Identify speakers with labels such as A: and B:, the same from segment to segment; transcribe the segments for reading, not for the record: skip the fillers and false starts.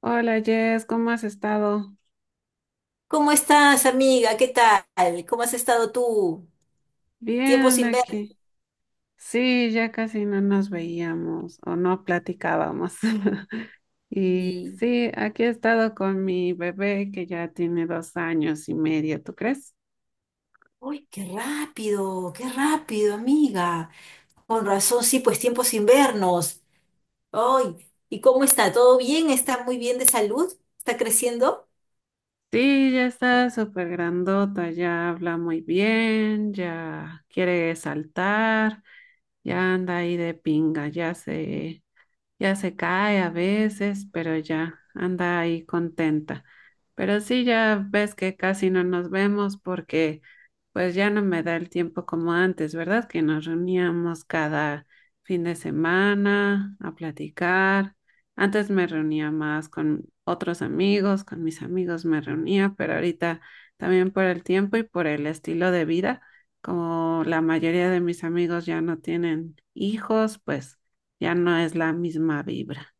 A: Hola Jess, ¿cómo has estado?
B: ¿Cómo estás, amiga? ¿Qué tal? ¿Cómo has estado tú? Tiempo
A: Bien
B: sin verte.
A: aquí. Sí, ya casi no nos veíamos o no platicábamos. Y sí, aquí he estado con mi bebé que ya tiene 2 años y medio, ¿tú crees?
B: Uy, qué rápido, amiga. Con razón, sí, pues tiempo sin vernos. Ay, ¿y cómo está? ¿Todo bien? ¿Está muy bien de salud? ¿Está creciendo?
A: Sí, ya está súper grandota, ya habla muy bien, ya quiere saltar, ya anda ahí de pinga, Ya se cae a veces, pero ya anda ahí contenta. Pero sí, ya ves que casi no nos vemos porque pues ya no me da el tiempo como antes, ¿verdad? Que nos reuníamos cada fin de semana a platicar. Antes me reunía más con otros amigos, con mis amigos me reunía, pero ahorita también por el tiempo y por el estilo de vida, como la mayoría de mis amigos ya no tienen hijos, pues ya no es la misma vibra.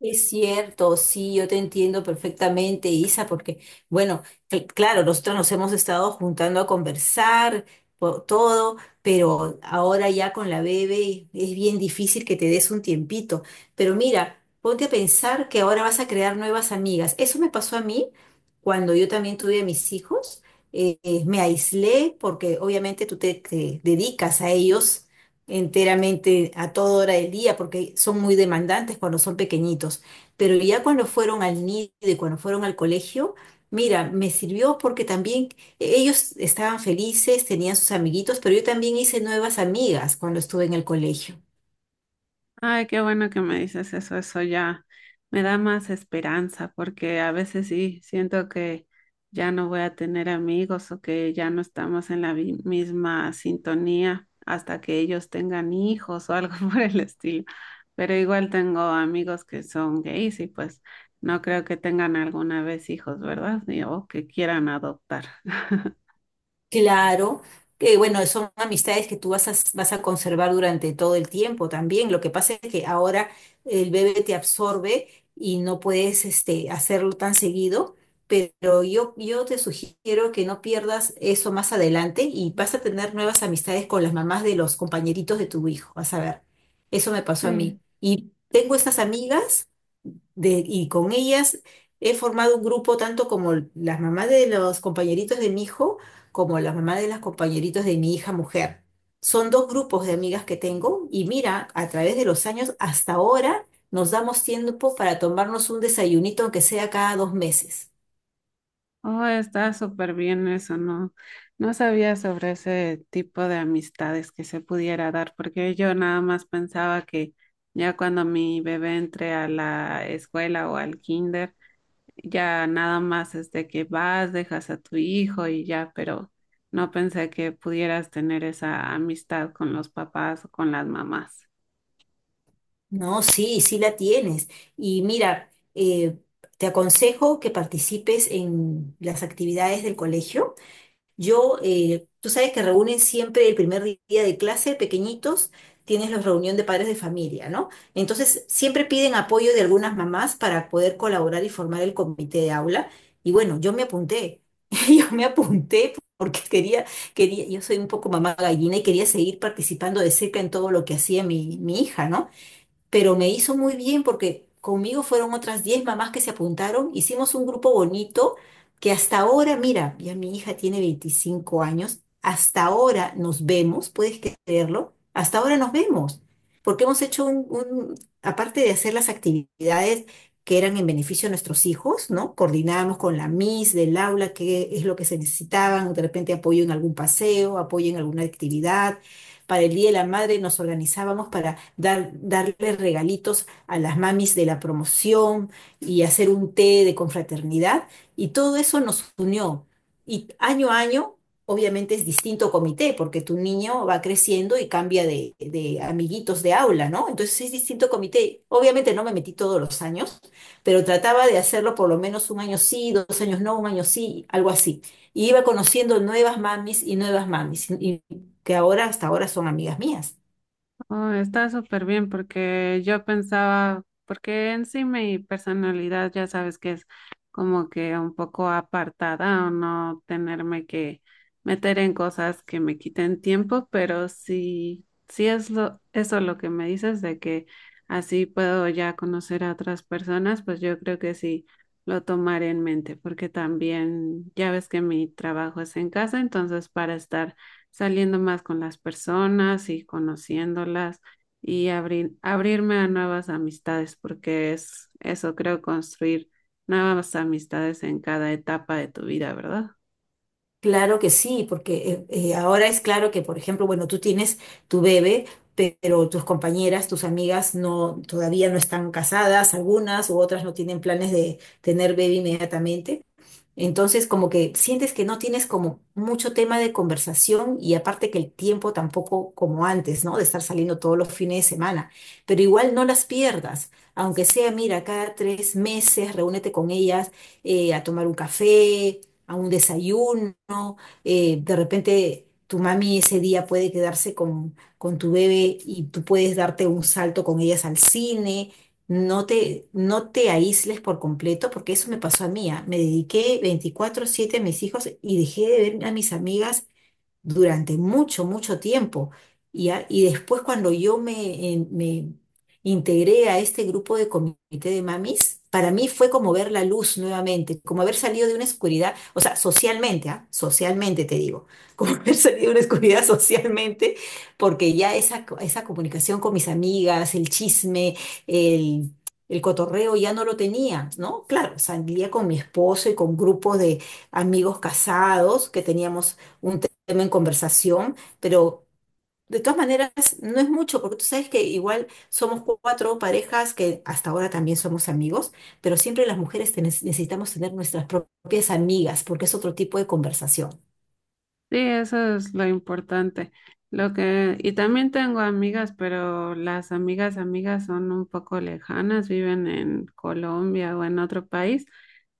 B: Es cierto, sí, yo te entiendo perfectamente, Isa, porque, bueno, claro, nosotros nos hemos estado juntando a conversar por todo, pero ahora ya con la bebé es bien difícil que te des un tiempito. Pero mira, ponte a pensar que ahora vas a crear nuevas amigas. Eso me pasó a mí cuando yo también tuve a mis hijos. Me aislé porque obviamente tú te dedicas a ellos enteramente a toda hora del día, porque son muy demandantes cuando son pequeñitos. Pero ya cuando fueron al nido y cuando fueron al colegio, mira, me sirvió porque también ellos estaban felices, tenían sus amiguitos, pero yo también hice nuevas amigas cuando estuve en el colegio.
A: Ay, qué bueno que me dices eso ya me da más esperanza porque a veces sí siento que ya no voy a tener amigos o que ya no estamos en la misma sintonía hasta que ellos tengan hijos o algo por el estilo. Pero igual tengo amigos que son gays y pues no creo que tengan alguna vez hijos, ¿verdad? O que quieran adoptar.
B: Claro, que bueno, son amistades que tú vas a conservar durante todo el tiempo también. Lo que pasa es que ahora el bebé te absorbe y no puedes hacerlo tan seguido, pero yo te sugiero que no pierdas eso más adelante y vas a tener nuevas amistades con las mamás de los compañeritos de tu hijo. Vas a ver, eso me pasó a
A: Sí.
B: mí. Y tengo estas amigas y con ellas he formado un grupo tanto como las mamás de los compañeritos de mi hijo como la mamá de las compañeritos de mi hija mujer. Son dos grupos de amigas que tengo y mira, a través de los años hasta ahora nos damos tiempo para tomarnos un desayunito, aunque sea cada 2 meses.
A: Oh, está súper bien eso, no, no sabía sobre ese tipo de amistades que se pudiera dar, porque yo nada más pensaba que ya cuando mi bebé entre a la escuela o al kinder, ya nada más es de que vas, dejas a tu hijo y ya, pero no pensé que pudieras tener esa amistad con los papás o con las mamás.
B: No, sí, sí la tienes. Y mira, eh, te aconsejo que participes en las actividades del colegio. Yo, tú sabes que reúnen siempre el primer día de clase, pequeñitos, tienes la reunión de padres de familia, ¿no? Entonces, siempre piden apoyo de algunas mamás para poder colaborar y formar el comité de aula. Y bueno, yo me apunté, yo me apunté porque quería, yo soy un poco mamá gallina y quería seguir participando de cerca en todo lo que hacía mi hija, ¿no? Pero me hizo muy bien porque conmigo fueron otras 10 mamás que se apuntaron, hicimos un grupo bonito que hasta ahora, mira, ya mi hija tiene 25 años, hasta ahora nos vemos, puedes creerlo, hasta ahora nos vemos, porque hemos hecho aparte de hacer las actividades que eran en beneficio de nuestros hijos, ¿no? Coordinábamos con la Miss del aula qué es lo que se necesitaban, de repente apoyo en algún paseo, apoyo en alguna actividad. Para el Día de la Madre nos organizábamos darle regalitos a las mamis de la promoción y hacer un té de confraternidad. Y todo eso nos unió. Y año a año, obviamente es distinto comité, porque tu niño va creciendo y cambia de amiguitos de aula, ¿no? Entonces es distinto comité. Obviamente no me metí todos los años, pero trataba de hacerlo por lo menos un año sí, dos años no, un año sí, algo así. Y iba conociendo nuevas mamis, y que ahora hasta ahora son amigas mías.
A: Oh, está súper bien porque yo pensaba, porque en sí mi personalidad ya sabes que es como que un poco apartada o no tenerme que meter en cosas que me quiten tiempo, pero sí, sí es lo, eso lo que me dices de que así puedo ya conocer a otras personas, pues yo creo que sí lo tomaré en mente porque también ya ves que mi trabajo es en casa, entonces para estar saliendo más con las personas y conociéndolas y abrirme a nuevas amistades, porque es eso, creo, construir nuevas amistades en cada etapa de tu vida, ¿verdad?
B: Claro que sí, porque ahora es claro que, por ejemplo, bueno, tú tienes tu bebé, pero tus compañeras, tus amigas no, todavía no están casadas, algunas u otras no tienen planes de tener bebé inmediatamente. Entonces, como que sientes que no tienes como mucho tema de conversación y aparte que el tiempo tampoco como antes, ¿no? De estar saliendo todos los fines de semana. Pero igual no las pierdas, aunque sea, mira, cada 3 meses reúnete con ellas, a tomar un café, a un desayuno. De repente tu mami ese día puede quedarse con tu bebé y tú puedes darte un salto con ellas al cine. No te aísles por completo, porque eso me pasó a mí. Ah. Me dediqué 24/7 a mis hijos y dejé de ver a mis amigas durante mucho, mucho tiempo. Y después cuando me integré a este grupo de comité de mamis, para mí fue como ver la luz nuevamente, como haber salido de una oscuridad, o sea, socialmente, ¿ah? Socialmente te digo, como haber salido de una oscuridad socialmente, porque ya esa comunicación con mis amigas, el chisme, el... El cotorreo ya no lo tenía, ¿no? Claro, salía con mi esposo y con grupos de amigos casados que teníamos un tema en conversación, pero de todas maneras no es mucho, porque tú sabes que igual somos cuatro parejas que hasta ahora también somos amigos, pero siempre las mujeres necesitamos tener nuestras propias amigas, porque es otro tipo de conversación.
A: Sí, eso es lo importante. Lo que, y también tengo amigas, pero las amigas, amigas son un poco lejanas, viven en Colombia o en otro país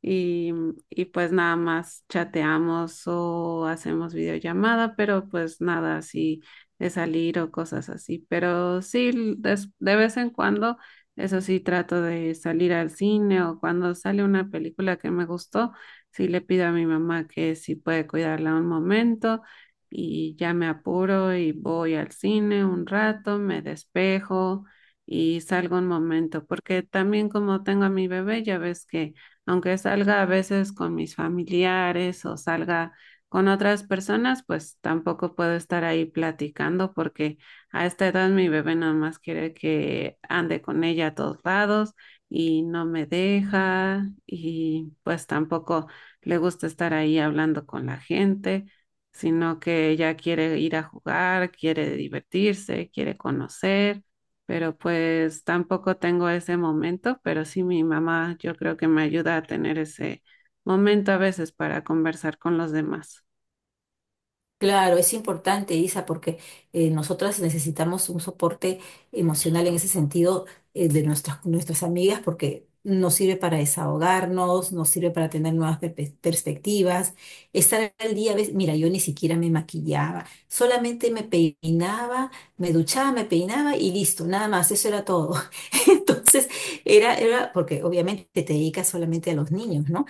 A: y, y pues nada más chateamos o hacemos videollamada, pero pues nada así de salir o cosas así. Pero sí, de vez en cuando, eso sí, trato de salir al cine o cuando sale una película que me gustó, sí le pido a mi mamá que si puede cuidarla un momento y ya me apuro y voy al cine un rato, me despejo y salgo un momento, porque también como tengo a mi bebé, ya ves que aunque salga a veces con mis familiares o salga con otras personas, pues tampoco puedo estar ahí platicando porque a esta edad mi bebé nada más quiere que ande con ella a todos lados y no me deja y pues tampoco le gusta estar ahí hablando con la gente, sino que ella quiere ir a jugar, quiere divertirse, quiere conocer, pero pues tampoco tengo ese momento, pero sí mi mamá yo creo que me ayuda a tener ese momento a veces para conversar con los demás.
B: Claro, es importante, Isa, porque nosotras necesitamos un soporte emocional en ese sentido, de nuestras amigas, porque nos sirve para desahogarnos, nos sirve para tener nuevas perspectivas, estar al día. ¿Ves? Mira, yo ni siquiera me maquillaba, solamente me peinaba, me duchaba, me peinaba y listo, nada más, eso era todo. Entonces, era, porque obviamente te dedicas solamente a los niños, ¿no?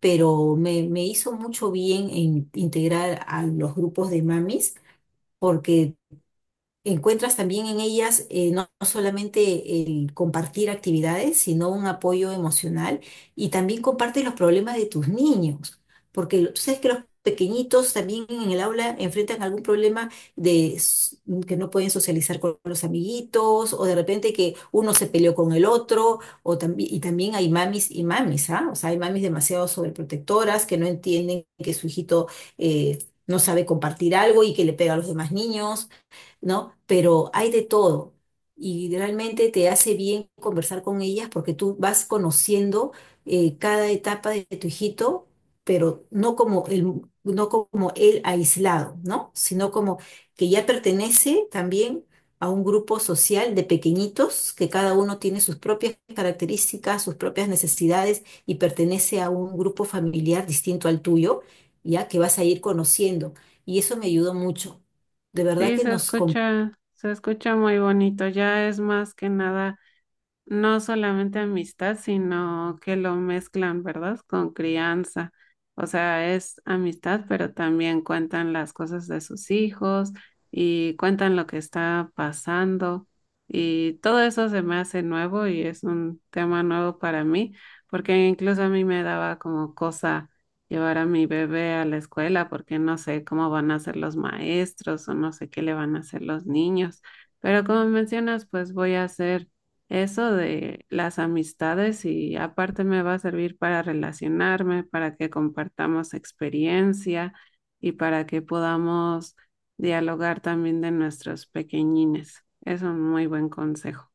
B: Pero me hizo mucho bien en integrar a los grupos de mamis porque encuentras también en ellas, no solamente el compartir actividades, sino un apoyo emocional y también compartes los problemas de tus niños, porque tú sabes que los pequeñitos también en el aula enfrentan algún problema de s- que no pueden socializar con los amiguitos o de repente que uno se peleó con el otro, o también y también hay mamis y mamis, ¿ah? O sea, hay mamis demasiado sobreprotectoras que no entienden que su hijito, eh, no sabe compartir algo y que le pega a los demás niños. ¿No? Pero hay de todo y realmente te hace bien conversar con ellas porque tú vas conociendo, cada etapa de tu hijito, pero no como él aislado, ¿no? Sino como que ya pertenece también a un grupo social de pequeñitos que cada uno tiene sus propias características, sus propias necesidades y pertenece a un grupo familiar distinto al tuyo, ya que vas a ir conociendo. Y eso me ayudó mucho. De verdad
A: Sí,
B: que
A: se
B: nos.
A: escucha, se escucha muy bonito, ya es más que nada no solamente amistad, sino que lo mezclan, ¿verdad? Con crianza. O sea, es amistad, pero también cuentan las cosas de sus hijos y cuentan lo que está pasando. Y todo eso se me hace nuevo y es un tema nuevo para mí, porque incluso a mí me daba como cosa llevar a mi bebé a la escuela, porque no sé cómo van a ser los maestros o no sé qué le van a hacer los niños. Pero como mencionas, pues voy a hacer eso de las amistades y aparte me va a servir para relacionarme, para que compartamos experiencia y para que podamos dialogar también de nuestros pequeñines. Es un muy buen consejo.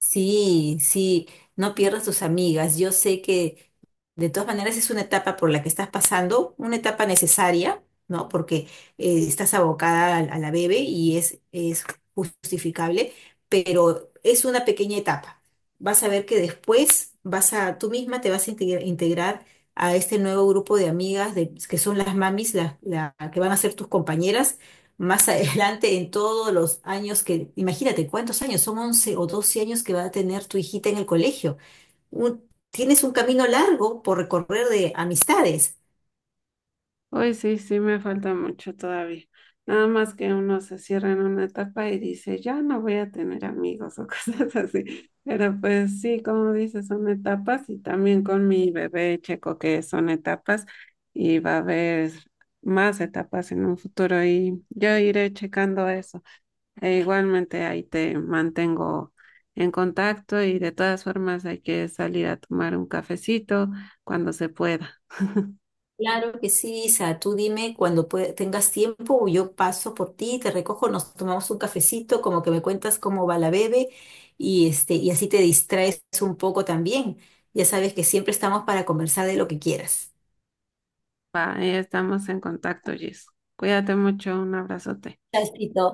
B: Sí, sí, no pierdas tus amigas. Yo sé que, de todas maneras, es una etapa por la que estás pasando, una etapa necesaria, ¿no? Porque, estás abocada a la bebé y es justificable, pero es una pequeña etapa. Vas a ver que después tú misma te vas a integrar a este nuevo grupo de amigas que son las mamis, que van a ser tus compañeras más adelante en todos los años que, imagínate, ¿cuántos años? Son 11 o 12 años que va a tener tu hijita en el colegio. Tienes un camino largo por recorrer de amistades.
A: Hoy sí, sí me falta mucho todavía. Nada más que uno se cierra en una etapa y dice, ya no voy a tener amigos o cosas así. Pero pues sí, como dices, son etapas y también con mi bebé checo que son etapas y va a haber más etapas en un futuro y yo iré checando eso. E igualmente ahí te mantengo en contacto y de todas formas hay que salir a tomar un cafecito cuando se pueda.
B: Claro que sí, Isa, tú dime cuando tengas tiempo, yo paso por ti, te recojo, nos tomamos un cafecito, como que me cuentas cómo va la bebé y así te distraes un poco también. Ya sabes que siempre estamos para conversar de lo que quieras.
A: Va, ahí estamos en contacto, Jess. Cuídate mucho, un abrazote.
B: Chasito.